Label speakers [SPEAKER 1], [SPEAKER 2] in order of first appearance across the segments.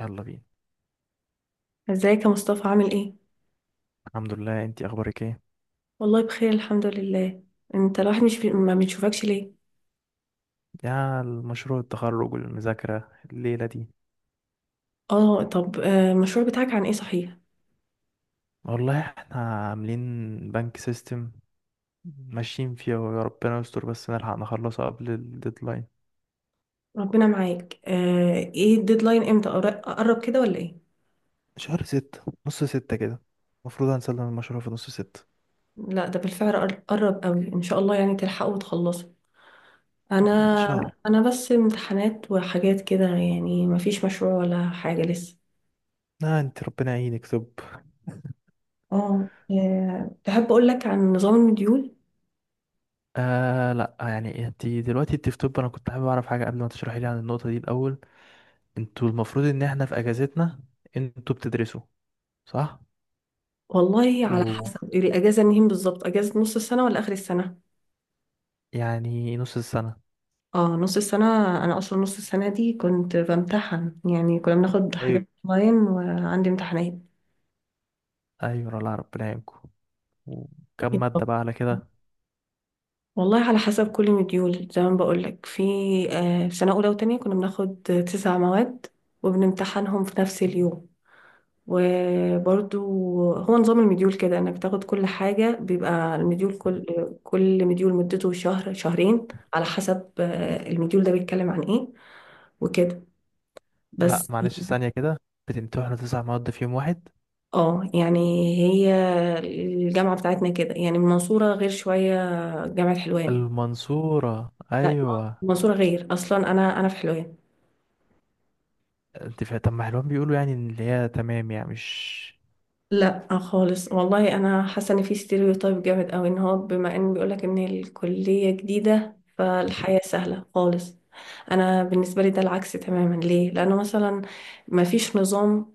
[SPEAKER 1] يلا بينا.
[SPEAKER 2] ازيك يا مصطفى، عامل ايه؟
[SPEAKER 1] الحمد لله، انتي اخبارك ايه؟
[SPEAKER 2] والله بخير، الحمد لله. انت الواحد مش ما بنشوفكش ليه؟
[SPEAKER 1] يا المشروع التخرج والمذاكرة الليلة دي.
[SPEAKER 2] اه طب المشروع بتاعك عن ايه، صحيح؟
[SPEAKER 1] والله احنا عاملين بنك سيستم ماشيين فيه ويا ربنا يستر بس نلحق نخلصه قبل الديدلاين.
[SPEAKER 2] ربنا معاك. ايه الديدلاين؟ امتى قرب كده ولا ايه؟
[SPEAKER 1] شهر 6، نص 6 كده. المفروض هنسلم المشروع في نص 6.
[SPEAKER 2] لا ده بالفعل قرب قوي، ان شاء الله يعني تلحقوا وتخلصوا.
[SPEAKER 1] ان شاء
[SPEAKER 2] انا
[SPEAKER 1] الله.
[SPEAKER 2] انا بس امتحانات وحاجات كده، يعني ما فيش مشروع ولا حاجة لسه.
[SPEAKER 1] لا انت ربنا يعينك، طب.
[SPEAKER 2] اه. تحب اقول لك عن نظام المديول؟
[SPEAKER 1] آه لا، يعني انت دلوقتي انت في طب، انا كنت حابب اعرف حاجة قبل ما تشرحي لي عن النقطة دي الاول. انتوا المفروض ان احنا في اجازتنا، انتوا بتدرسوا، صح؟
[SPEAKER 2] والله على حسب الاجازة منين بالظبط، اجازة نص السنة ولا اخر السنة؟
[SPEAKER 1] يعني نص السنة.
[SPEAKER 2] اه، نص السنة. أنا أصلا نص السنة دي كنت بمتحن، يعني كنا بناخد حاجات
[SPEAKER 1] ايوه.
[SPEAKER 2] أونلاين وعندي امتحانات.
[SPEAKER 1] أيوة، الله ربنا يعينكم. وكم مادة بقى على كده؟
[SPEAKER 2] والله على حسب، كل مديول زي ما بقولك، في في سنة أولى وتانية كنا بناخد تسع مواد، وبنمتحنهم في نفس اليوم، وبرضو هو نظام المديول كده، إنك بتاخد كل حاجة. بيبقى المديول كل مديول مدته شهر شهرين، على حسب المديول ده بيتكلم عن إيه، وكده
[SPEAKER 1] لا
[SPEAKER 2] بس.
[SPEAKER 1] معلش، ثانية كده. بتمتحنوا 9 مواد في يوم واحد؟
[SPEAKER 2] اه يعني، هي الجامعة بتاعتنا كده، يعني المنصورة غير شوية، جامعة حلوان.
[SPEAKER 1] المنصورة،
[SPEAKER 2] لا،
[SPEAKER 1] أيوة.
[SPEAKER 2] المنصورة غير اصلا، انا في حلوان.
[SPEAKER 1] أنت فا طب، ما حلوان بيقولوا يعني إن اللي هي تمام، يعني مش...
[SPEAKER 2] لا خالص، والله انا حاسة ان في ستيريوتايب جامد اوي، ان هو بما ان بيقولك ان الكلية جديدة فالحياة سهلة خالص. انا بالنسبة لي ده العكس تماما، ليه؟ لانه مثلا ما فيش نظام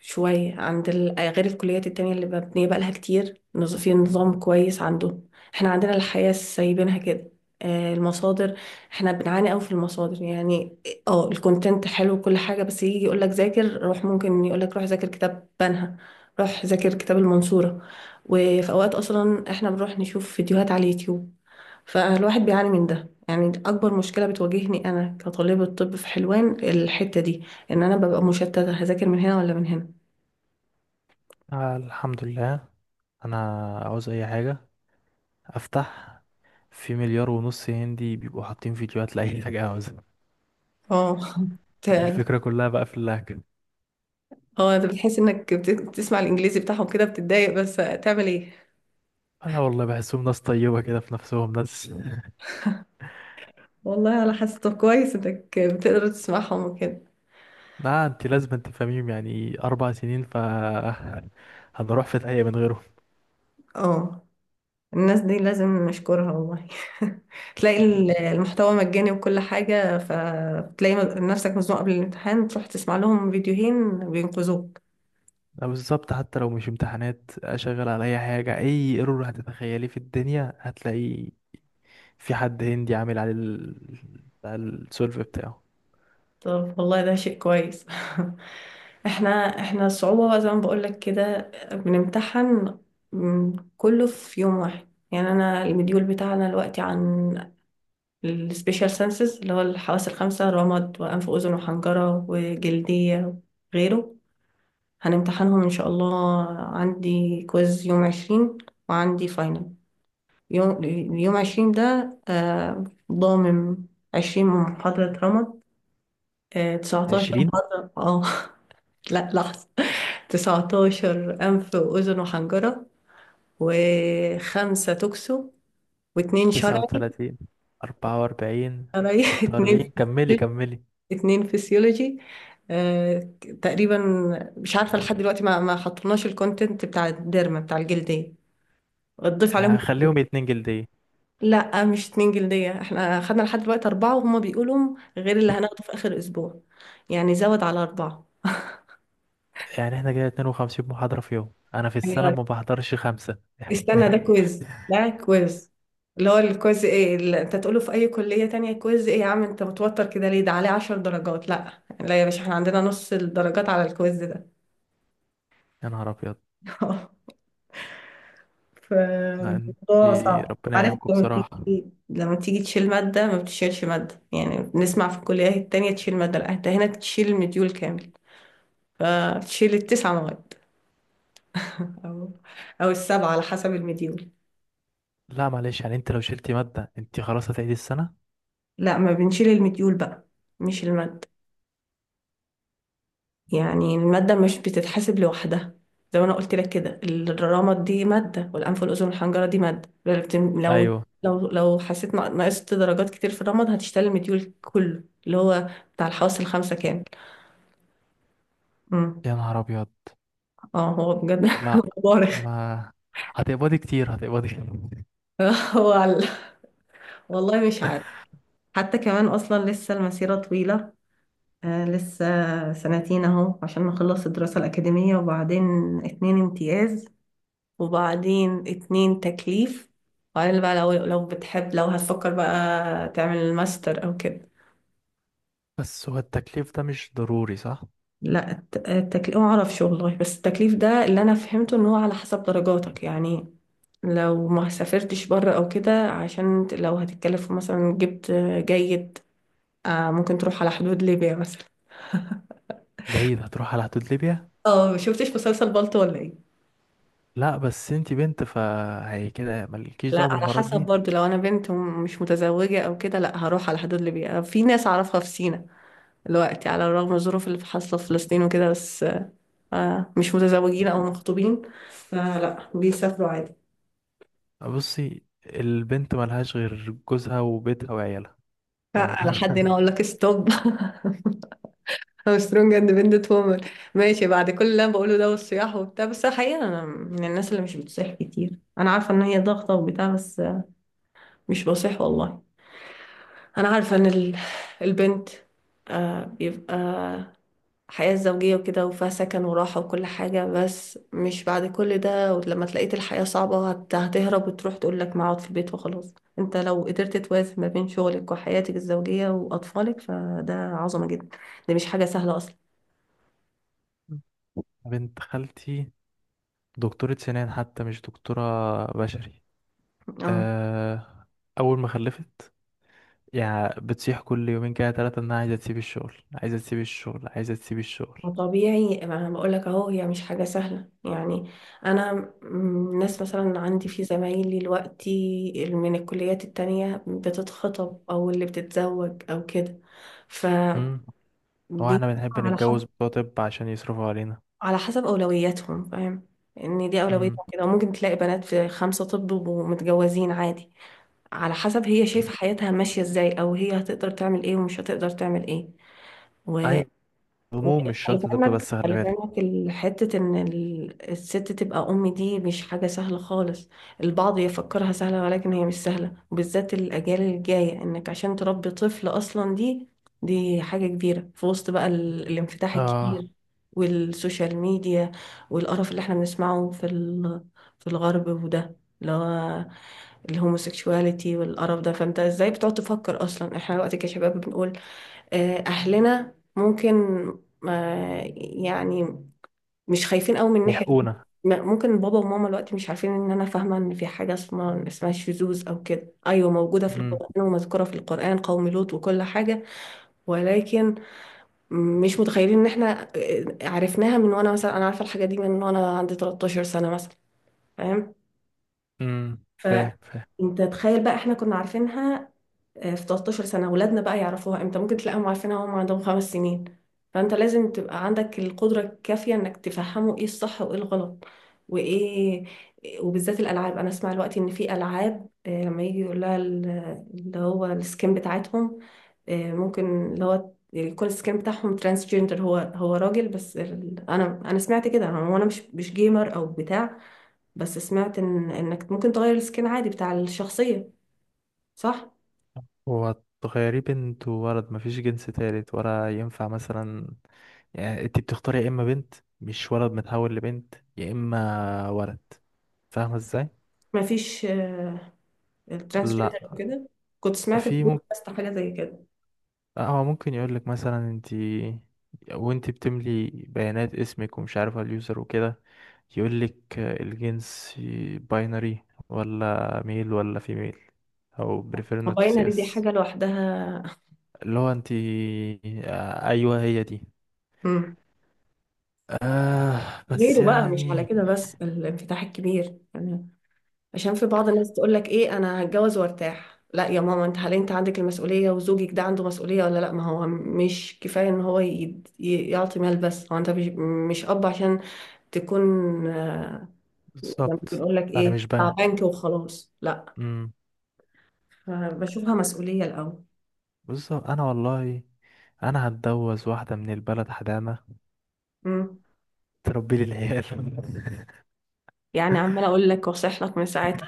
[SPEAKER 2] شوية عند ال... آه، غير الكليات التانية اللي مبنية بقالها كتير في نظام كويس عندهم. احنا عندنا الحياة سايبينها كده. المصادر، احنا بنعاني قوي في المصادر يعني. اه الكونتنت حلو وكل حاجة، بس يجي يقولك ذاكر روح، ممكن يقولك روح ذاكر كتاب بنها، روح ذاكر كتاب المنصورة. وفي اوقات اصلا احنا بنروح نشوف فيديوهات على اليوتيوب. فالواحد بيعاني من ده، يعني اكبر مشكلة بتواجهني انا كطالبة طب في حلوان الحتة دي، ان انا ببقى مشتتة، هذاكر من هنا ولا من هنا.
[SPEAKER 1] آه، الحمد لله. أنا عاوز أي حاجة أفتح، في 1.5 مليار هندي بيبقوا حاطين فيديوهات لأي حاجة عاوزها.
[SPEAKER 2] اه. ت-
[SPEAKER 1] الفكرة كلها بقى في اللهجة.
[SPEAKER 2] اه انت بتحس انك بتسمع الانجليزي بتاعهم كده بتتضايق، بس تعمل ايه؟
[SPEAKER 1] أنا والله بحسهم ناس طيبة كده، في نفسهم ناس.
[SPEAKER 2] والله على حسب، طب كويس انك بتقدر تسمعهم وكده.
[SPEAKER 1] لا انت لازم تفهميهم، يعني 4 سنين، ف هنروح في داهية من غيره.
[SPEAKER 2] اه، الناس دي لازم نشكرها والله. تلاقي المحتوى مجاني وكل حاجة، فتلاقي نفسك مزنوق قبل الامتحان تروح تسمع لهم فيديوهين بينقذوك.
[SPEAKER 1] لا بالظبط، حتى لو مش امتحانات اشغل على اي حاجه، اي ايرور هتتخيليه في الدنيا هتلاقي في حد هندي عامل على السولف بتاعه.
[SPEAKER 2] طب والله ده شيء كويس. احنا، الصعوبة بقى زي ما بقولك كده، بنمتحن كله في يوم واحد، يعني انا المديول بتاعنا دلوقتي عن السبيشال سنسز اللي هو الحواس الخمسة، رمد وانف واذن وحنجرة وجلدية وغيره. هنمتحنهم ان شاء الله. عندي كويز يوم 20، وعندي فاينل يوم يوم عشرين ده ضامن 20 محاضرة رمد، تسعتاشر
[SPEAKER 1] 20،
[SPEAKER 2] محاضرة اه. لا لحظة. 19 أنف وأذن وحنجرة، وخمسة توكسو، واتنين شرعي.
[SPEAKER 1] 39، 44،
[SPEAKER 2] شرعي
[SPEAKER 1] ستة
[SPEAKER 2] اتنين
[SPEAKER 1] وأربعين كملي كملي.
[SPEAKER 2] اتنين فسيولوجي آه، تقريبا. مش عارفة لحد دلوقتي، ما حطيناش الكونتنت بتاع الديرما بتاع الجلدية. تضيف عليهم.
[SPEAKER 1] هخليهم 2 جلدية.
[SPEAKER 2] لا مش اتنين جلدية، احنا خدنا لحد دلوقتي أربعة، وهما بيقولوا غير اللي هناخده في آخر أسبوع، يعني زود على أربعة.
[SPEAKER 1] يعني احنا كده 52 محاضرة في يوم، أنا في السنة ما بحضرش 5.
[SPEAKER 2] استنى، ده كويز. ده كويز اللي هو الكويز ايه اللي انت تقوله في اي كلية تانية. كويز ايه يا عم؟ انت متوتر كده ليه؟ ده عليه 10 درجات؟ لا لا يا باشا، احنا عندنا نص الدرجات على الكويز ده.
[SPEAKER 1] يا نهار أبيض. لا انت،
[SPEAKER 2] فالموضوع صعب،
[SPEAKER 1] ربنا
[SPEAKER 2] عارف؟
[SPEAKER 1] يعينكم
[SPEAKER 2] لما تيجي،
[SPEAKER 1] بصراحة.
[SPEAKER 2] تشيل مادة، ما بتشيلش مادة يعني، بنسمع في الكليات التانية تشيل مادة. لا، انت هنا تشيل مديول كامل. فتشيل التسع مواد. او او السبعة على حسب المديول.
[SPEAKER 1] لا معلش، يعني انت لو شلتي مادة انت خلاص هتعيدي السنة؟
[SPEAKER 2] لا، ما بنشيل المديول بقى، مش المادة. يعني المادة مش بتتحسب لوحدها. زي ما انا قلت لك كده، الرمد دي مادة، والانف والاذن والحنجرة دي مادة. لو بت- لو
[SPEAKER 1] ايوه.
[SPEAKER 2] لو لو حسيت نقصت درجات كتير في الرمد هتشتغل المديول كله اللي هو بتاع الحواس الخمسة كامل. امم.
[SPEAKER 1] يا نهار ابيض.
[SPEAKER 2] اه هو بجد.
[SPEAKER 1] لا،
[SPEAKER 2] مبارك.
[SPEAKER 1] ما هتقبضي كتير، هتقبضي كتير.
[SPEAKER 2] هو على- والله مش عارف، حتى كمان اصلا لسه المسيرة طويلة. لسه سنتين اهو عشان نخلص الدراسة الأكاديمية، وبعدين اتنين امتياز، وبعدين اتنين تكليف، وبعدين بقى لو بتحب، لو هتفكر بقى تعمل الماستر او كده.
[SPEAKER 1] بس هو التكليف ده مش ضروري، صح؟
[SPEAKER 2] لا، التكليف ما اعرفش والله، بس التكليف ده اللي انا فهمته ان هو على حسب درجاتك، يعني لو ما سافرتش بره او كده عشان لو هتتكلف مثلا جبت جيد، ممكن تروح على حدود ليبيا مثلا.
[SPEAKER 1] جيد؟ هتروح على حدود ليبيا.
[SPEAKER 2] اه، ما شفتش مسلسل بالطو ولا ايه؟
[SPEAKER 1] لا بس انت بنت، فهي كده مالكيش
[SPEAKER 2] لا
[SPEAKER 1] دعوة
[SPEAKER 2] على
[SPEAKER 1] بالحوارات
[SPEAKER 2] حسب
[SPEAKER 1] دي.
[SPEAKER 2] برضو، لو انا بنت ومش متزوجة او كده لا هروح على حدود ليبيا. في ناس اعرفها في سينا دلوقتي، على الرغم من الظروف اللي حاصلة في فلسطين وكده، بس مش متزوجين أو مخطوبين فلا بيسافروا عادي.
[SPEAKER 1] بصي، البنت ملهاش غير جوزها وبيتها وعيالها ف...
[SPEAKER 2] لا، على حد هنا أقول لك ستوب. أو سترونج اندبندنت وومن. ماشي، بعد كل اللي أنا بقوله ده والصياح وبتاع، بس حقيقة أنا من الناس اللي مش بتصيح كتير، أنا عارفة إن هي ضغطة وبتاع، بس مش بصيح والله. أنا عارفة إن البنت بيبقى حياة زوجية وكده، وفيها سكن وراحة وكل حاجة. بس مش بعد كل ده ولما تلاقيت الحياة صعبة هتهرب وتروح تقول لك ما اقعد في البيت وخلاص. انت لو قدرت توازن ما بين شغلك وحياتك الزوجية وأطفالك فده عظمة جدا، ده مش حاجة سهلة أصلا.
[SPEAKER 1] بنت خالتي دكتورة سنان، حتى مش دكتورة، بشري.
[SPEAKER 2] اه،
[SPEAKER 1] أه... أول ما خلفت يعني بتصيح كل يومين كده ثلاثة، إنها عايزة تسيب الشغل، عايزة تسيب الشغل، عايزة تسيب الشغل.
[SPEAKER 2] ما طبيعي، ما انا بقول لك اهو هي مش حاجة سهلة يعني. انا ناس مثلا عندي في زمايلي دلوقتي من الكليات التانية بتتخطب او اللي بتتزوج او كده. ف
[SPEAKER 1] امم. هو
[SPEAKER 2] بي-
[SPEAKER 1] احنا بنحب
[SPEAKER 2] على حسب
[SPEAKER 1] نتجوز بتوع طب عشان يصرفوا علينا.
[SPEAKER 2] على حسب أولوياتهم، فاهم؟ إن دي
[SPEAKER 1] امم.
[SPEAKER 2] أولوياتهم كده، وممكن تلاقي بنات في خمسة طب ومتجوزين عادي. على حسب هي شايفة حياتها ماشية إزاي، أو هي هتقدر تعمل إيه ومش هتقدر تعمل إيه.
[SPEAKER 1] أي هموم، مش
[SPEAKER 2] خلي
[SPEAKER 1] شرط طب، بس خلي
[SPEAKER 2] خلي في
[SPEAKER 1] بالك.
[SPEAKER 2] علمك الحتة، إن الست تبقى أم دي مش حاجة سهلة خالص. البعض يفكرها سهلة ولكن هي مش سهلة، وبالذات الأجيال الجاية، إنك عشان تربي طفل أصلا دي حاجة كبيرة، في وسط بقى الانفتاح
[SPEAKER 1] اه،
[SPEAKER 2] الكبير، والسوشيال ميديا، والقرف اللي احنا بنسمعه في في الغرب وده، اللي هو الهوموسيكشواليتي والقرف ده. فانت ازاي بتقعد تفكر اصلا، احنا دلوقتي كشباب بنقول أهلنا ممكن ما يعني مش خايفين قوي من ناحية.
[SPEAKER 1] يحقونا.
[SPEAKER 2] ممكن بابا وماما دلوقتي مش عارفين، إن أنا فاهمة إن في حاجة اسمها شذوذ أو كده. أيوة موجودة في
[SPEAKER 1] امم
[SPEAKER 2] القرآن ومذكورة في القرآن، قوم لوط وكل حاجة. ولكن مش متخيلين إن إحنا عرفناها من وأنا مثلا، أنا عارفة الحاجة دي من وأنا عندي 13 سنة مثلا، فاهم؟
[SPEAKER 1] امم،
[SPEAKER 2] ف
[SPEAKER 1] فاهم.
[SPEAKER 2] انت تخيل بقى، احنا كنا عارفينها في 13 سنة. ولادنا بقى يعرفوها امتى؟ ممكن تلاقيهم عارفينها وهم عندهم خمس سنين. فانت لازم تبقى عندك القدرة الكافية انك تفهموا ايه الصح وايه الغلط وايه وبالذات الالعاب، انا اسمع الوقت ان في العاب لما يجي يقول لها اللي هو السكين بتاعتهم، ممكن اللي هو يكون السكين بتاعهم ترانس جندر، هو راجل بس انا سمعت كده، انا وانا مش جيمر او بتاع، بس سمعت ان انك ممكن تغير السكين عادي بتاع الشخصية، صح.
[SPEAKER 1] هو تخيريه بنت وولد، مفيش جنس تالت، ولا ينفع مثلا؟ يعني انت بتختاري يا اما بنت، مش ولد متحول لبنت، يا اما ولد. فاهمة ازاي؟
[SPEAKER 2] مفيش الترانسجندر
[SPEAKER 1] لا
[SPEAKER 2] وكده، كنت سمعت في
[SPEAKER 1] في
[SPEAKER 2] بودكاست حاجه زي كده.
[SPEAKER 1] لا، هو ممكن يقول لك مثلا انت، وانت بتملي بيانات اسمك ومش عارفه اليوزر وكده يقول لك الجنس، باينري، ولا ميل ولا فيميل، او بريفير نوت سي،
[SPEAKER 2] الباينري دي
[SPEAKER 1] بس
[SPEAKER 2] حاجه لوحدها.
[SPEAKER 1] اللي هو انت. ايوه، هي دي.
[SPEAKER 2] مم.
[SPEAKER 1] آه بس
[SPEAKER 2] غيره بقى مش على
[SPEAKER 1] يعني
[SPEAKER 2] كده، بس الانفتاح الكبير يعني. عشان في بعض الناس تقول لك ايه، انا هتجوز وارتاح. لا يا ماما انت، هل انت عندك المسؤوليه؟ وزوجك ده عنده مسؤوليه ولا لا؟ ما هو مش كفايه ان هو يعطي مال بس، هو انت مش، مش اب عشان تكون آه، لما
[SPEAKER 1] بالظبط،
[SPEAKER 2] بنقول لك
[SPEAKER 1] انا
[SPEAKER 2] ايه،
[SPEAKER 1] مش
[SPEAKER 2] بتاع بنك
[SPEAKER 1] بنك.
[SPEAKER 2] وخلاص، لا.
[SPEAKER 1] امم.
[SPEAKER 2] فبشوفها مسؤوليه الاول.
[SPEAKER 1] بالظبط، انا والله انا هتجوز واحده من البلد حدامه
[SPEAKER 2] مم.
[SPEAKER 1] تربي لي العيال.
[SPEAKER 2] يعني عمالة أقول لك وأصيح لك من ساعتها،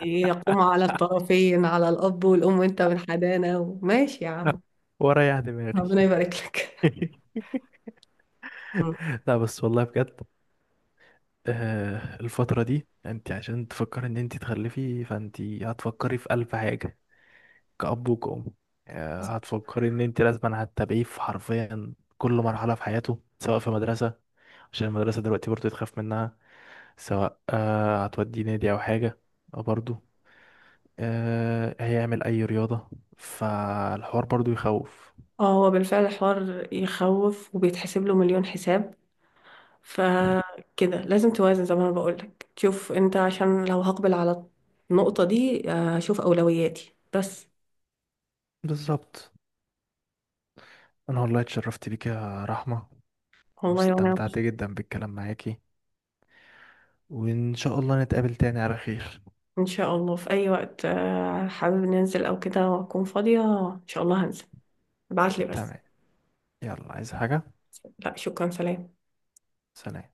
[SPEAKER 2] يقوم على الطرفين، على الأب والأم، وأنت من حدانا، وماشي يا عم.
[SPEAKER 1] ورايح دماغي.
[SPEAKER 2] ربنا يبارك لك. مم.
[SPEAKER 1] لا بس والله بجد، الفترة دي انت عشان تفكري ان انت تخلفي، فانت هتفكري في ألف حاجة، كأب وكأم. هتفكري ان انت لازم هتتابعيه في حرفيا كل مرحلة في حياته، سواء في مدرسة عشان المدرسة دلوقتي برضه تخاف منها، سواء هتوديه نادي او حاجة، أو برضه هيعمل اي رياضة، فالحوار برضه يخوف.
[SPEAKER 2] اه، هو بالفعل حوار يخوف، وبيتحسب له مليون حساب. فكده لازم توازن زي ما أنا بقول لك، تشوف أنت عشان لو هقبل على النقطة دي أشوف أولوياتي بس.
[SPEAKER 1] بالظبط، انا والله اتشرفت بيك يا رحمة،
[SPEAKER 2] والله وأنا.
[SPEAKER 1] واستمتعت جدا بالكلام معاكي، وإن شاء الله نتقابل تاني على خير.
[SPEAKER 2] إن شاء الله، في أي وقت حابب ننزل أو كده وأكون فاضية إن شاء الله هنزل، ابعتلي بس.
[SPEAKER 1] تمام، يلا، عايز حاجة؟
[SPEAKER 2] لا شكرا، سلام.
[SPEAKER 1] سلام.